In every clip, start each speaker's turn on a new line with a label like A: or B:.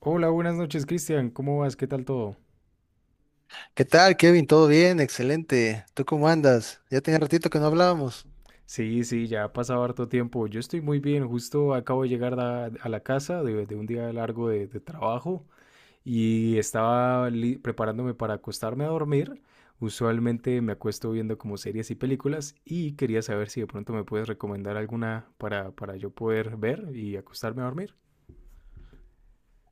A: Hola, buenas noches, Cristian. ¿Cómo vas? ¿Qué tal todo?
B: ¿Qué tal, Kevin? ¿Todo bien? Excelente. ¿Tú cómo andas? Ya tenía ratito que no hablábamos.
A: Sí, sí, ya ha pasado harto tiempo. Yo estoy muy bien. Justo acabo de llegar a la casa de un día largo de trabajo y estaba preparándome para acostarme a dormir. Usualmente me acuesto viendo como series y películas y quería saber si de pronto me puedes recomendar alguna para yo poder ver y acostarme a dormir.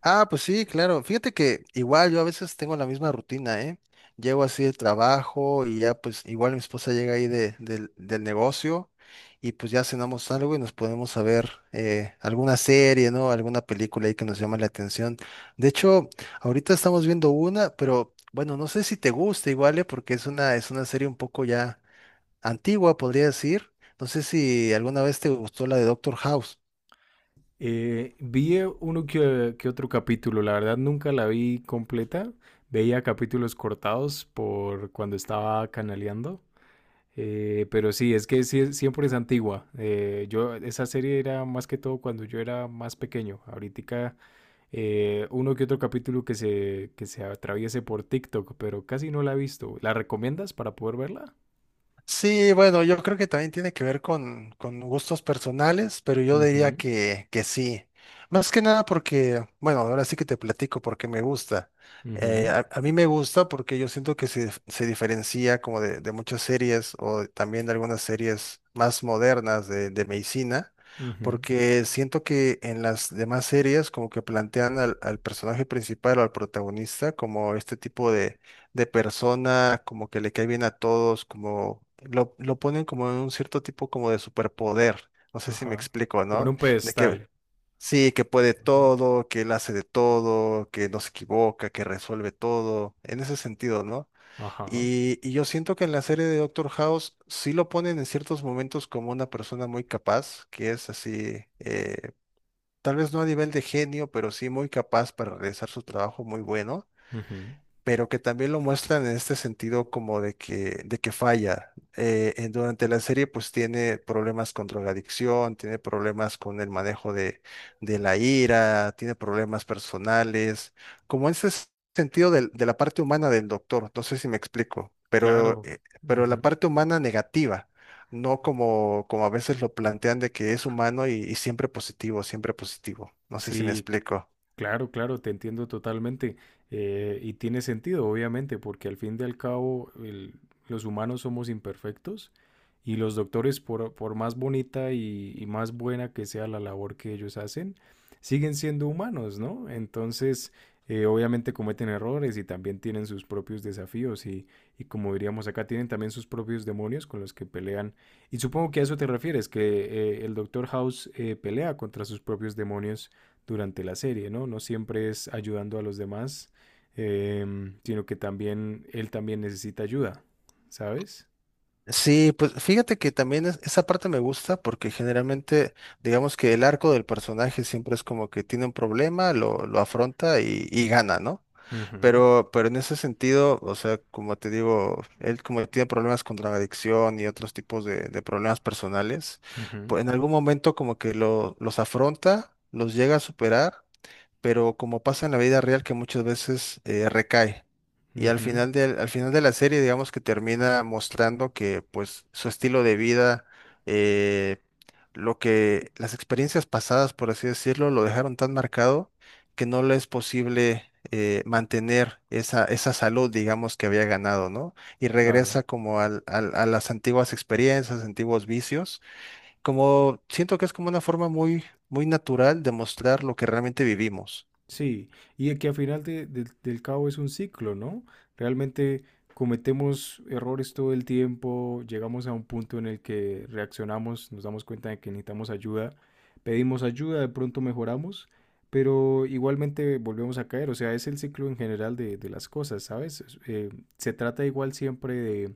B: Ah, pues sí, claro. Fíjate que igual yo a veces tengo la misma rutina, ¿eh? Llego así del trabajo y ya pues igual mi esposa llega ahí del negocio y pues ya cenamos algo y nos podemos a ver alguna serie, ¿no? Alguna película ahí que nos llama la atención. De hecho, ahorita estamos viendo una, pero bueno, no sé si te gusta igual, ¿eh? Porque es una serie un poco ya antigua, podría decir. No sé si alguna vez te gustó la de Doctor House.
A: Vi uno que otro capítulo, la verdad nunca la vi completa, veía capítulos cortados por cuando estaba canaleando, pero sí, es que sí, siempre es antigua. Yo, esa serie era más que todo cuando yo era más pequeño, ahorita uno que otro capítulo que se atraviese por TikTok, pero casi no la he visto. ¿La recomiendas para poder verla?
B: Sí, bueno, yo creo que también tiene que ver con gustos personales, pero yo
A: Ujú,
B: diría que sí. Más que nada porque, bueno, ahora sí que te platico porque me gusta.
A: ujú,
B: A mí me gusta porque yo siento que se diferencia como de muchas series o también de algunas series más modernas de medicina,
A: ujú.
B: porque siento que en las demás series como que plantean al personaje principal o al protagonista como este tipo de persona, como que le cae bien a todos, como lo ponen como en un cierto tipo como de superpoder. No sé si me
A: Ajá.
B: explico,
A: Como en
B: ¿no?
A: un
B: De
A: pedestal.
B: que sí, que puede
A: Ajá.
B: todo, que él hace de todo, que no se equivoca, que resuelve todo, en ese sentido, ¿no?
A: Ajá.
B: Y yo siento que en la serie de Doctor House sí lo ponen en ciertos momentos como una persona muy capaz, que es así, tal vez no a nivel de genio, pero sí muy capaz para realizar su trabajo muy bueno,
A: Ujú.
B: pero que también lo muestran en este sentido como de de que falla. Durante la serie pues tiene problemas con drogadicción, tiene problemas con el manejo de la ira, tiene problemas personales, como ese sentido la parte humana del doctor, no sé si me explico,
A: Claro.
B: pero la
A: Ujú.
B: parte humana negativa. No como, como a veces lo plantean de que es humano y siempre positivo, siempre positivo. No sé si me
A: Sí,
B: explico.
A: claro, claro, te entiendo totalmente. Y tiene sentido, obviamente, porque al fin y al cabo los humanos somos imperfectos y los doctores, por más bonita y más buena que sea la labor que ellos hacen, siguen siendo humanos, ¿no? Entonces, obviamente cometen errores y también tienen sus propios desafíos y como diríamos acá, tienen también sus propios demonios con los que pelean. Y supongo que a eso te refieres, que el doctor House pelea contra sus propios demonios durante la serie, ¿no? No siempre es ayudando a los demás, sino que también él también necesita ayuda, ¿sabes?
B: Sí, pues fíjate que también esa parte me gusta porque generalmente, digamos que el arco del personaje siempre es como que tiene un problema, lo afronta y gana, ¿no?
A: Ujú,
B: Pero en ese sentido, o sea, como te digo, él como tiene problemas con la adicción y otros tipos de problemas personales,
A: ujú,
B: pues en algún momento como que los afronta, los llega a superar, pero como pasa en la vida real que muchas veces recae. Y al
A: ujú,
B: final al final de la serie, digamos que termina mostrando que pues su estilo de vida, eh, lo que las experiencias pasadas, por así decirlo, lo dejaron tan marcado que no le es posible mantener esa salud, digamos, que había ganado, ¿no? Y regresa
A: claro.
B: como a las antiguas experiencias, antiguos vicios, como siento que es como una forma muy natural de mostrar lo que realmente vivimos.
A: Sí, y de que al final del del cabo es un ciclo, ¿no? Realmente cometemos errores todo el tiempo, llegamos a un punto en el que reaccionamos, nos damos cuenta de que necesitamos ayuda, pedimos ayuda, de pronto mejoramos, pero igualmente volvemos a caer, o sea, es el ciclo en general de las cosas, ¿sabes? Se trata igual siempre de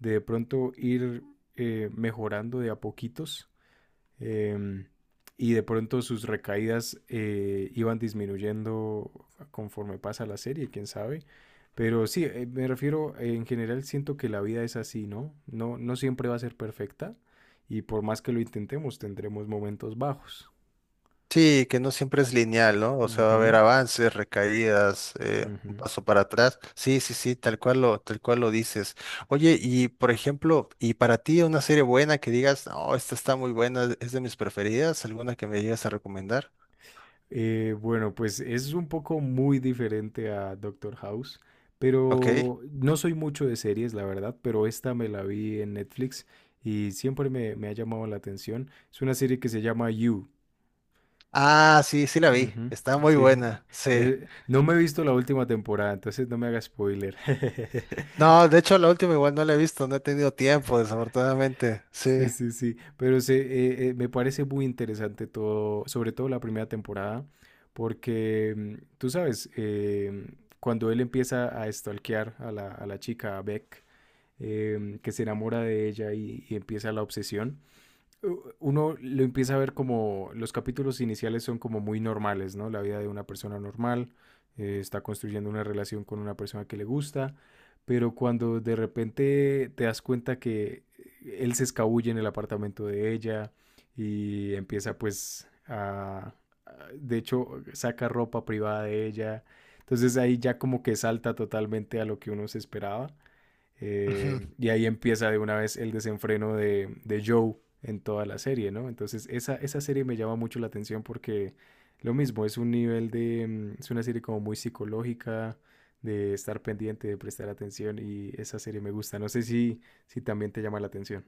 A: de pronto ir mejorando de a poquitos eh, y de pronto sus recaídas iban disminuyendo conforme pasa la serie, quién sabe. Pero sí, me refiero, en general siento que la vida es así, ¿no? No, no siempre va a ser perfecta y por más que lo intentemos tendremos momentos bajos.
B: Sí, que no siempre es lineal, ¿no? O sea, va a haber
A: Ujú,
B: avances, recaídas, un
A: ujú.
B: paso para atrás. Sí, sí, sí, tal cual lo dices. Oye, y por ejemplo, ¿y para ti una serie buena que digas, no, esta está muy buena, es de mis preferidas? ¿Alguna que me llegas a recomendar?
A: Bueno, pues es un poco muy diferente a Doctor House,
B: Ok.
A: pero no soy mucho de series, la verdad, pero esta me la vi en Netflix y siempre me ha llamado la atención. Es una serie que se llama You.
B: Ah, sí, sí la vi.
A: Ujú,
B: Está muy
A: sí.
B: buena, sí.
A: No me he visto la última temporada, entonces no me haga spoiler.
B: No, de hecho la última igual no la he visto, no he tenido tiempo, desafortunadamente.
A: Sí,
B: Sí.
A: sí, sí, pero se, me parece muy interesante todo, sobre todo la primera temporada, porque mm, tú sabes, cuando él empieza a stalkear a a la chica, a Beck, que se enamora de ella y empieza la obsesión, uno lo empieza a ver como los capítulos iniciales son como muy normales, ¿no? La vida de una persona normal, está construyendo una relación con una persona que le gusta, pero cuando de repente te das cuenta que él se escabulle en el apartamento de ella y empieza pues de hecho, saca ropa privada de ella, entonces ahí ya como que salta totalmente a lo que uno se esperaba y ahí empieza de una vez el desenfreno de Joe en toda la serie, ¿no? Entonces esa serie me llama mucho la atención porque lo mismo, es un nivel de, mm, es una serie como muy psicológica, de estar pendiente, de prestar atención y esa serie me gusta. No sé si, si también te llama la atención.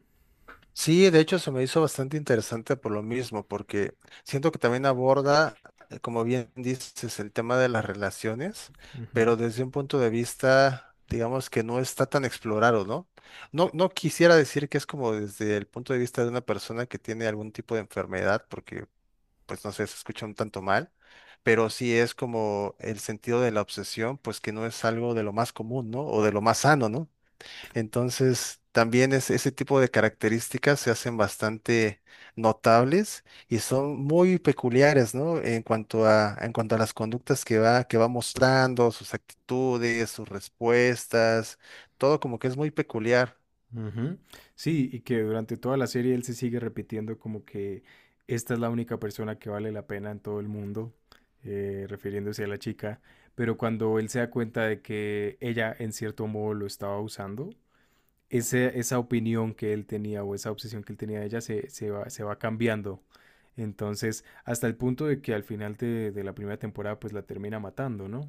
B: Sí, de hecho se me hizo bastante interesante por lo mismo, porque siento que también aborda, como bien dices, el tema de las relaciones,
A: Ujú.
B: pero desde un punto de vista, digamos que no está tan explorado, ¿no? No, no quisiera decir que es como desde el punto de vista de una persona que tiene algún tipo de enfermedad, porque pues no sé, se escucha un tanto mal, pero sí es como el sentido de la obsesión, pues que no es algo de lo más común, ¿no? O de lo más sano, ¿no? Entonces, también es, ese tipo de características se hacen bastante notables y son muy peculiares, ¿no? En cuanto a las conductas que que va mostrando, sus actitudes, sus respuestas, todo como que es muy peculiar.
A: Ujú. Sí, y que durante toda la serie él se sigue repitiendo como que esta es la única persona que vale la pena en todo el mundo, refiriéndose a la chica, pero cuando él se da cuenta de que ella en cierto modo lo estaba usando, esa opinión que él tenía o esa obsesión que él tenía de ella se va cambiando. Entonces, hasta el punto de que al final de la primera temporada, pues la termina matando, ¿no?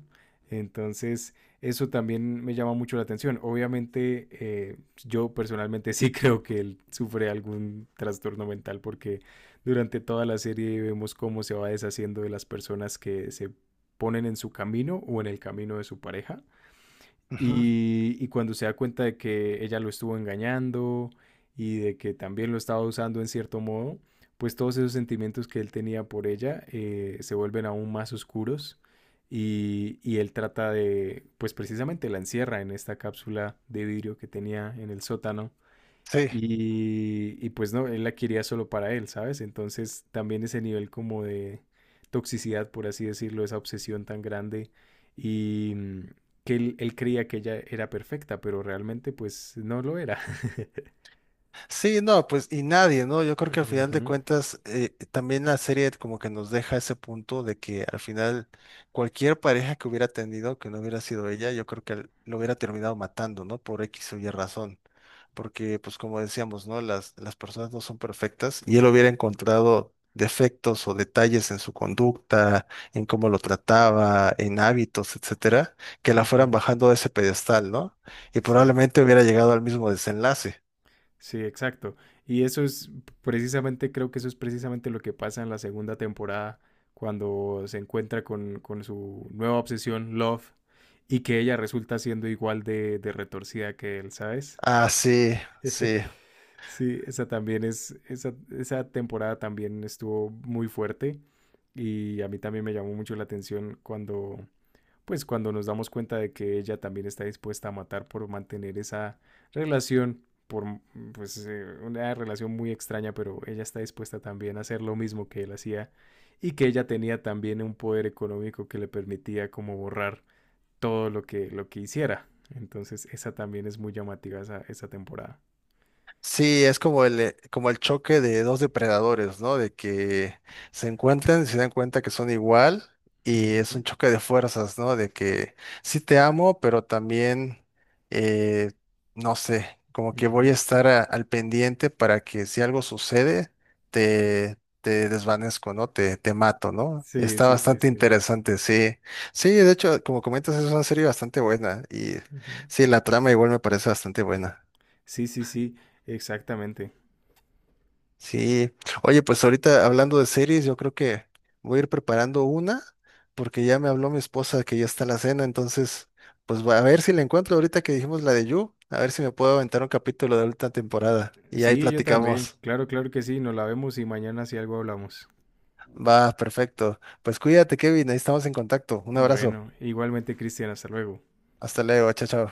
A: Entonces, eso también me llama mucho la atención. Obviamente, yo personalmente sí creo que él sufre algún trastorno mental porque durante toda la serie vemos cómo se va deshaciendo de las personas que se ponen en su camino o en el camino de su pareja.
B: Ujú.
A: Y cuando se da cuenta de que ella lo estuvo engañando y de que también lo estaba usando en cierto modo, pues todos esos sentimientos que él tenía por ella se vuelven aún más oscuros y él trata de, pues precisamente la encierra en esta cápsula de vidrio que tenía en el sótano
B: Sí.
A: y pues no, él la quería solo para él, ¿sabes? Entonces también ese nivel como de toxicidad, por así decirlo, esa obsesión tan grande y mm, que él creía que ella era perfecta, pero realmente pues no lo era.
B: Sí, no, pues y nadie, ¿no? Yo creo que al final de
A: Ujú,
B: cuentas también la serie como que nos deja ese punto de que al final cualquier pareja que hubiera tenido, que no hubiera sido ella, yo creo que lo hubiera terminado matando, ¿no? Por X o Y razón. Porque pues como decíamos, ¿no? Las personas no son perfectas y él hubiera encontrado defectos o detalles en su conducta, en cómo lo trataba, en hábitos, etcétera, que la
A: ujú.
B: fueran bajando de ese pedestal, ¿no? Y
A: Sí.
B: probablemente hubiera llegado al mismo desenlace.
A: Sí, exacto. Y eso es precisamente, creo que eso es precisamente lo que pasa en la segunda temporada, cuando se encuentra con su nueva obsesión, Love, y que ella resulta siendo igual de retorcida que él, ¿sabes?
B: Ah, sí, sí.
A: Sí, esa también es, esa temporada también estuvo muy fuerte y a mí también me llamó mucho la atención cuando pues cuando nos damos cuenta de que ella también está dispuesta a matar por mantener esa relación, por mm, pues una relación muy extraña, pero ella está dispuesta también a hacer lo mismo que él hacía y que ella tenía también un poder económico que le permitía como borrar todo lo que hiciera. Entonces, esa también es muy llamativa esa temporada.
B: Sí, es como el choque de dos depredadores, ¿no? De que se encuentran y se dan cuenta que son igual y es
A: Ujú,
B: un choque de fuerzas, ¿no? De que sí te amo, pero también, eh, no sé, como que
A: ujú.
B: voy a estar al pendiente para que si algo sucede, te, te desvanezco, ¿no? Te mato, ¿no?
A: Sí,
B: Está
A: sí, sí,
B: bastante
A: sí.
B: interesante, sí. Sí, de hecho, como comentas, es una serie bastante buena y
A: Ujú.
B: sí, la trama igual me parece bastante buena.
A: Sí, sí, sí, exactamente.
B: Sí, oye, pues ahorita hablando de series, yo creo que voy a ir preparando una porque ya me habló mi esposa que ya está la cena, entonces pues a ver si la encuentro ahorita que dijimos la de You, a ver si me puedo aventar un capítulo de última temporada y ahí
A: Sí, yo también.
B: platicamos.
A: Claro, claro que sí, nos la vemos y mañana si algo hablamos.
B: Va, perfecto. Pues cuídate, Kevin, ahí estamos en contacto. Un abrazo.
A: Bueno, igualmente, Cristian, hasta luego.
B: Hasta luego, chao, chao.